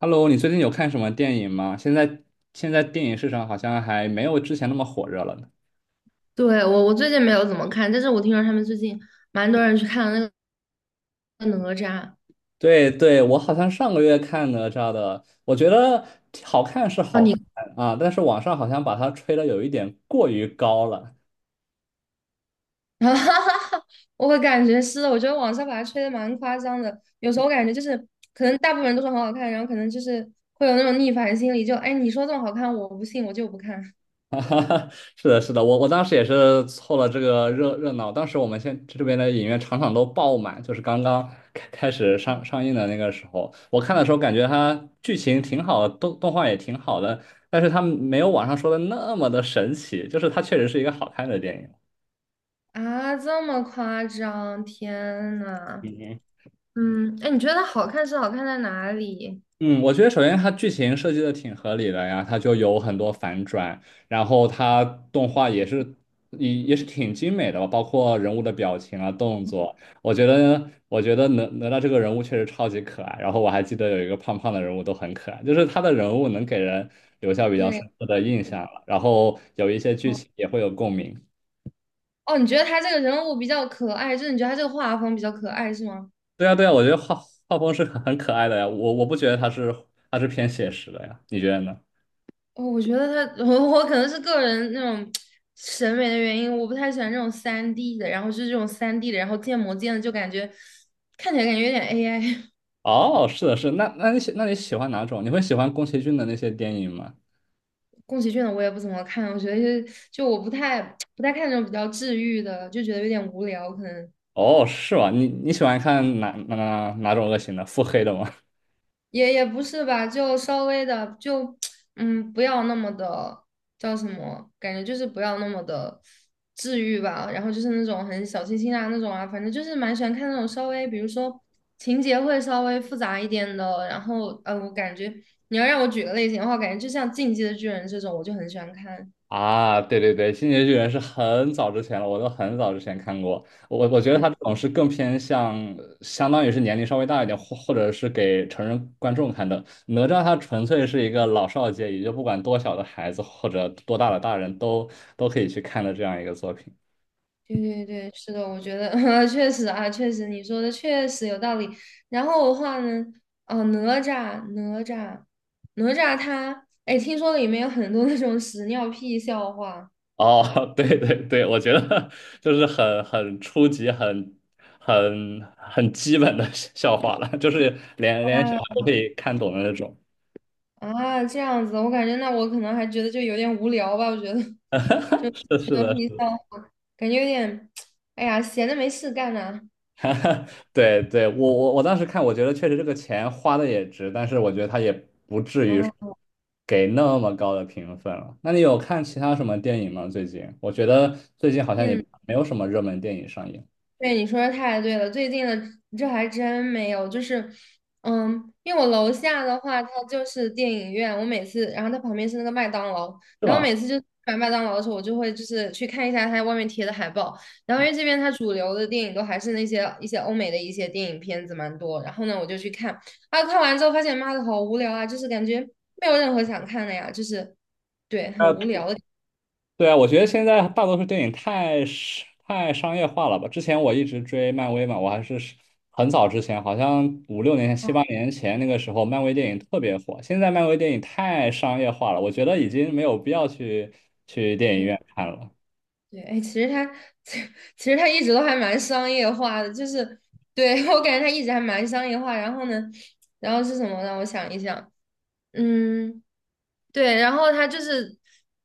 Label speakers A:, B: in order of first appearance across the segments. A: Hello，你最近有看什么电影吗？现在电影市场好像还没有之前那么火热了呢。
B: 对，我最近没有怎么看，但是我听说他们最近蛮多人去看了那个哪吒
A: 对对，我好像上个月看哪吒的，我觉得好看是
B: 啊，
A: 好
B: 你，
A: 看啊，但是网上好像把它吹的有一点过于高了。
B: 哈哈哈，我感觉是的，我觉得网上把它吹的蛮夸张的，有时候我感觉就是可能大部分人都说很好看，然后可能就是会有那种逆反心理，就哎你说这么好看，我不信，我就不看。
A: 是的，是的，我当时也是凑了这个热闹。当时我们这边的影院场场都爆满，就是刚刚开始上映的那个时候，我看的时候感觉它剧情挺好的，动画也挺好的，但是它没有网上说的那么的神奇，就是它确实是一个好看的电影。
B: 啊，这么夸张，天呐，
A: 嗯
B: 嗯，哎，你觉得它好看是好看在哪里？
A: 嗯，我觉得首先它剧情设计的挺合理的呀，它就有很多反转，然后它动画也是挺精美的吧，包括人物的表情啊、动作，我觉得哪吒这个人物确实超级可爱，然后我还记得有一个胖胖的人物都很可爱，就是他的人物能给人留下比较
B: 对，
A: 深刻的印象了，然后有一些剧
B: 哦，
A: 情也会有共鸣。
B: 哦你觉得他这个人物比较可爱，就是你觉得他这个画风比较可爱是吗？
A: 对呀对呀，我觉得画风是很可爱的呀，我不觉得它是偏写实的呀，你觉得呢？
B: 哦，我觉得他，我可能是个人那种审美的原因，我不太喜欢这种三 d 的，然后是这种三 d 的，然后建模建的就感觉看起来感觉有点 AI。
A: 哦，是的，是的那你喜欢哪种？你会喜欢宫崎骏的那些电影吗？
B: 宫崎骏的我也不怎么看，我觉得就我不太看那种比较治愈的，就觉得有点无聊，可能。
A: 哦，是吗？你喜欢看哪种类型的？腹黑的吗？
B: 也不是吧，就稍微的就 不要那么的叫什么，感觉就是不要那么的治愈吧。然后就是那种很小清新啊那种啊，反正就是蛮喜欢看那种稍微，比如说情节会稍微复杂一点的。然后我感觉你要让我举个类型的话，感觉就像《进击的巨人》这种，我就很喜欢看。
A: 啊，对对对，《进击的巨人》是很早之前了，我都很早之前看过。我觉得他这
B: 对
A: 种是更偏向，相当于是年龄稍微大一点，或者是给成人观众看的。哪吒他纯粹是一个老少皆宜，就不管多小的孩子或者多大的大人都可以去看的这样一个作品。
B: 对对对，是的，我觉得 确实啊，确实你说的确实有道理。然后的话呢，哦，哪吒，哪吒，哪吒他，哎，听说里面有很多那种屎尿屁笑话
A: 哦，对对对，我觉得就是很初级、很基本的笑话了，就是连小孩
B: 啊。
A: 都可以看懂的那种。
B: 啊，这样子，我感觉那我可能还觉得就有点无聊吧，我觉得 就屎
A: 是是
B: 尿
A: 的，
B: 屁笑话，感觉有点，哎呀，闲的没事干呐、啊，
A: 对对，我当时看，我觉得确实这个钱花的也值，但是我觉得他也不至于
B: 嗯、
A: 给那么高的评分了。那你有看其他什么电影吗？最近我觉得最近好像也
B: 变
A: 没有什么热门电影上映，
B: 对，你说的太对了，最近的这还真没有，就是，嗯，因为我楼下的话，它就是电影院，我每次，然后它旁边是那个麦当劳，
A: 是
B: 然后
A: 吗？
B: 每次就买麦当劳的时候，我就会就是去看一下它外面贴的海报，然后因为这边它主流的电影都还是那些一些欧美的一些电影片子蛮多，然后呢，我就去看，啊，看完之后发现妈的好无聊啊，就是感觉没有任何想看的呀，就是，对，很
A: 吧？
B: 无聊的，
A: 对啊，我觉得现在大多数电影太商业化了吧？之前我一直追漫威嘛，我还是很早之前，好像五六年前、七八年前那个时候，漫威电影特别火。现在漫威电影太商业化了，我觉得已经没有必要去电影
B: 对。
A: 院看了。
B: 对，哎，其实他 其实他一直都还蛮商业化的，就是对 我感觉他一直还蛮商业化。然后呢，然后是什么呢？我想一想，嗯。对，然后他就是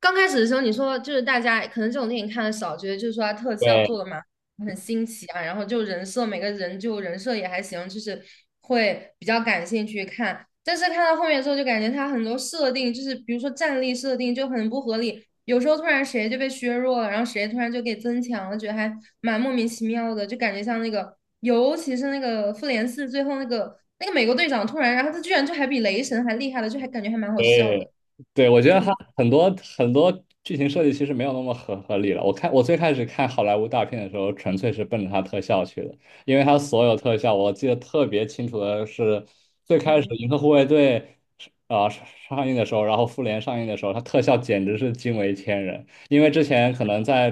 B: 刚开始的时候，你说就是大家可能这种电影看的少，觉得就是说他特效做
A: 对，
B: 的嘛很新奇啊，然后就人设每个人就人设也还行，就是会比较感兴趣看。但是看到后面之后，就感觉他很多设定就是比如说战力设定就很不合理，有时候突然谁就被削弱了，然后谁突然就给增强了，觉得还蛮莫名其妙的，就感觉像那个，尤其是那个复联四最后那个美国队长突然，然后他居然就还比雷神还厉害了，就还感觉还蛮好笑
A: 对，
B: 的。
A: 对，我觉得它很多很多剧情设计其实没有那么合理了。我看我最开始看好莱坞大片的时候，纯粹是奔着它特效去的，因为它所有特效，我记得特别清楚的是，最开始
B: 对，
A: 《银河护卫队》上映的时候，然后《复联》上映的时候，它特效简直是惊为天人。因为之前可能在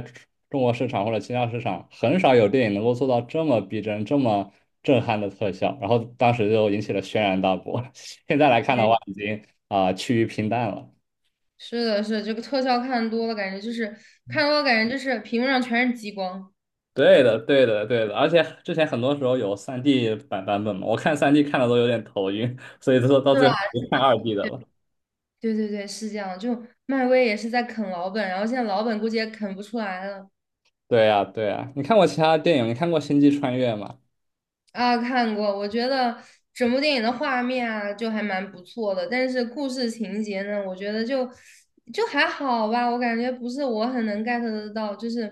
A: 中国市场或者其他市场，很少有电影能够做到这么逼真、这么震撼的特效，然后当时就引起了轩然大波。现在来看的话，
B: 对
A: 已经趋于平淡了。
B: 是的，是的，这个特效看多了，感觉就是看多了，感觉就是屏幕上全是激光，
A: 对的，对的，对的，而且之前很多时候有三 d 版本嘛，我看三 d 看的都有点头晕，所以说到
B: 是
A: 最
B: 吧？
A: 后就看2D 的了。
B: 对对对，是这样。就漫威也是在啃老本，然后现在老本估计也啃不出来了。
A: 对呀，对呀，你看过其他电影？你看过《星际穿越》吗？
B: 啊，看过，我觉得整部电影的画面啊，就还蛮不错的，但是故事情节呢，我觉得就还好吧，我感觉不是我很能 get 得到，就是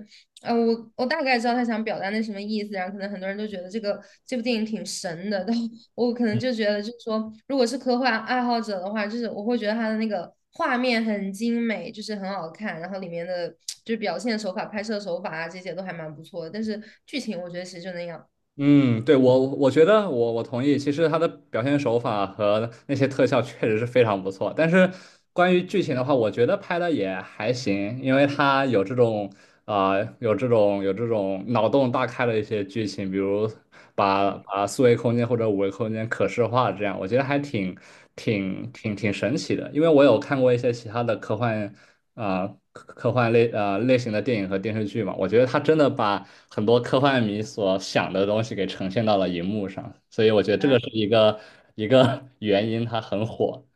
B: 我大概知道他想表达那什么意思，然后可能很多人都觉得这部电影挺神的，但我可能就觉得，就是说，如果是科幻爱好者的话，就是我会觉得他的那个画面很精美，就是很好看，然后里面的就是表现手法、拍摄手法啊这些都还蛮不错的，但是剧情我觉得其实就那样。
A: 嗯，对，我觉得我同意。其实他的表现手法和那些特效确实是非常不错，但是关于剧情的话，我觉得拍的也还行，因为它有这种脑洞大开的一些剧情，比如把四维空间或者五维空间可视化这样，我觉得还挺神奇的。因为我有看过一些其他的科幻。类型的电影和电视剧嘛，我觉得他真的把很多科幻迷所想的东西给呈现到了荧幕上，所以我觉得这
B: 啊。
A: 个是一个 原因，它很火。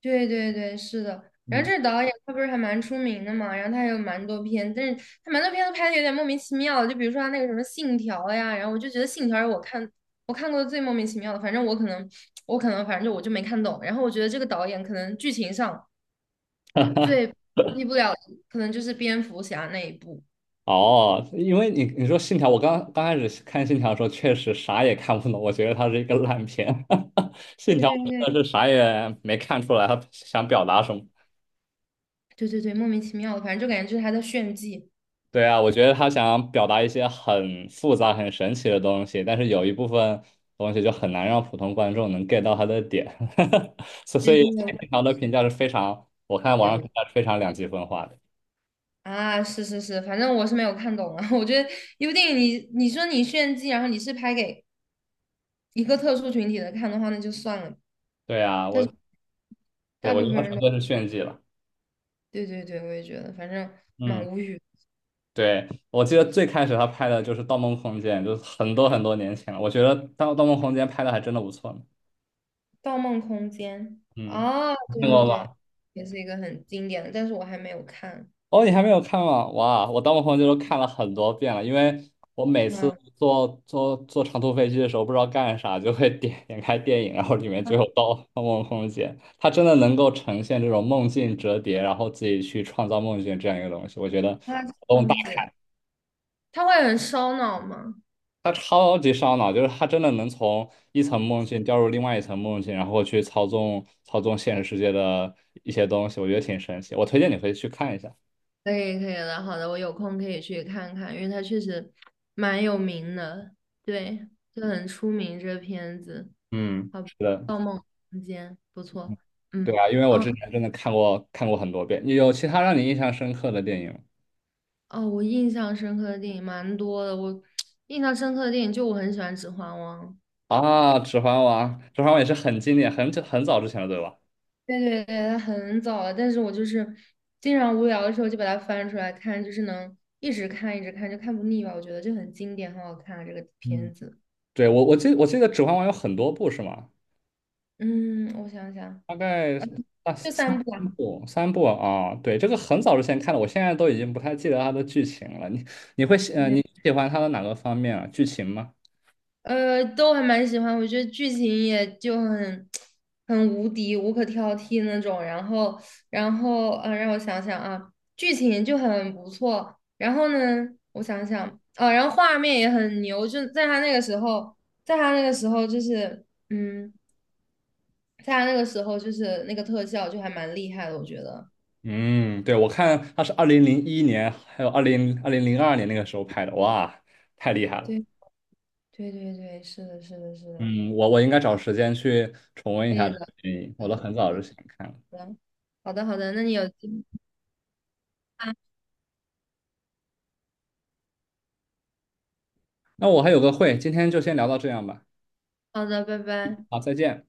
B: 对对对，是的。然后
A: 嗯，
B: 这个导演他不是还蛮出名的嘛，然后他还有蛮多片，但是他蛮多片都拍的有点莫名其妙的，就比如说他那个什么《信条》呀，然后我就觉得《信条》是我看过最莫名其妙的，反正我可能反正就我就没看懂。然后我觉得这个导演可能剧情上最替不了的可能就是蝙蝠侠那一部。
A: 哦，因为你说《信条》，我刚刚开始看《信条》的时候，确实啥也看不懂，我觉得它是一个烂片，《信条》我真的是啥也没看出来，他想表达什么。
B: 对对对，莫名其妙的，反正就感觉就是他在炫技。
A: 对啊，我觉得他想表达一些很复杂、很神奇的东西，但是有一部分东西就很难让普通观众能 get 到他的点，所所
B: 对
A: 以
B: 对对，
A: 平
B: 我
A: 常的评价是非常，我看网
B: 也觉
A: 上
B: 得
A: 评价是非常两极分化的。
B: 啊，是是是，反正我是没有看懂啊。我觉得一部电影你，你说你炫技，然后你是拍给一个特殊群体的看的话，那就算了。
A: 对啊，
B: 但是大
A: 我觉
B: 部
A: 得他
B: 分人
A: 纯
B: 都，
A: 粹是炫技了。
B: 对对对，我也觉得，反正蛮
A: 嗯，
B: 无语。
A: 对，得最开始他拍的就是《盗梦空间》，就是很多很多年前了。我觉得《盗梦空间》拍的还真的不错呢。
B: 《盗梦空间》
A: 嗯，
B: 啊，对
A: 听
B: 对
A: 过
B: 对，
A: 吗？
B: 也是一个很经典的，但是我还没有看。
A: 哦，你还没有看吗？哇，我《盗梦空间》都看了很多遍了，因为我每次
B: 啊
A: 坐长途飞机的时候，不知道干啥，就会点开电影，然后里面
B: 啊，
A: 就有《盗梦空间》，它真的能够呈现这种梦境折叠，然后自己去创造梦境这样一个东西，我觉得脑
B: 那这
A: 洞大
B: 样子，
A: 开，
B: 他会很烧脑吗？
A: 它超级烧脑，就是它真的能从一层梦境掉入另外一层梦境，然后去操纵现实世界的一些东西，我觉得挺神奇，我推荐你可以去看一下。
B: 可以可以的，好的，我有空可以去看看，因为它确实蛮有名的，对，就很出名这个片子。
A: 嗯。
B: 好，
A: 是的。
B: 《盗梦空间》不错，嗯。
A: 对啊，因为我
B: 哦
A: 之前真的看过很多遍。有其他让你印象深刻的电影吗
B: 哦，我印象深刻的电影蛮多的。我 印象深刻的电影就我很喜欢《指环王》，
A: 啊？《指环王》，《指环王》也是很经典，很久很早之前了，对吧？
B: 对对对，它很早了，但是我就是经常无聊的时候就把它翻出来看，就是能一直看一直看，就看不腻吧。我觉得就很经典，很好看啊这个
A: 嗯，
B: 片子。
A: 对，我记得《指环王》有很多部是吗？
B: 嗯，我想想，
A: 大概啊
B: 就
A: 三
B: 三部啊。
A: 部三部啊，对，这个很早之前看的，我现在都已经不太记得它的剧情了。你喜欢它的哪个方面啊？剧情吗？
B: 都还蛮喜欢，我觉得剧情也就很无敌、无可挑剔那种。然后，然后，嗯，让我想想啊，剧情就很不错。然后呢，我想想，啊，然后画面也很牛，就在他那个时候，在他那个时候就是，嗯，在他那个时候就是那个特效就还蛮厉害的，我觉得。
A: 嗯，对，我看它是2001年还有二零零二年那个时候拍的，哇，太厉害了。
B: 对，对，对，对，是的，是的，是的，
A: 嗯，我应该找时间去重温一
B: 可以
A: 下这
B: 的，
A: 个电影，我都很早就想看了。
B: 嗯，好的，好的，那你有机会啊，
A: 那我还有个会，今天就先聊到这样吧。
B: 好的，拜拜。
A: 好，再见。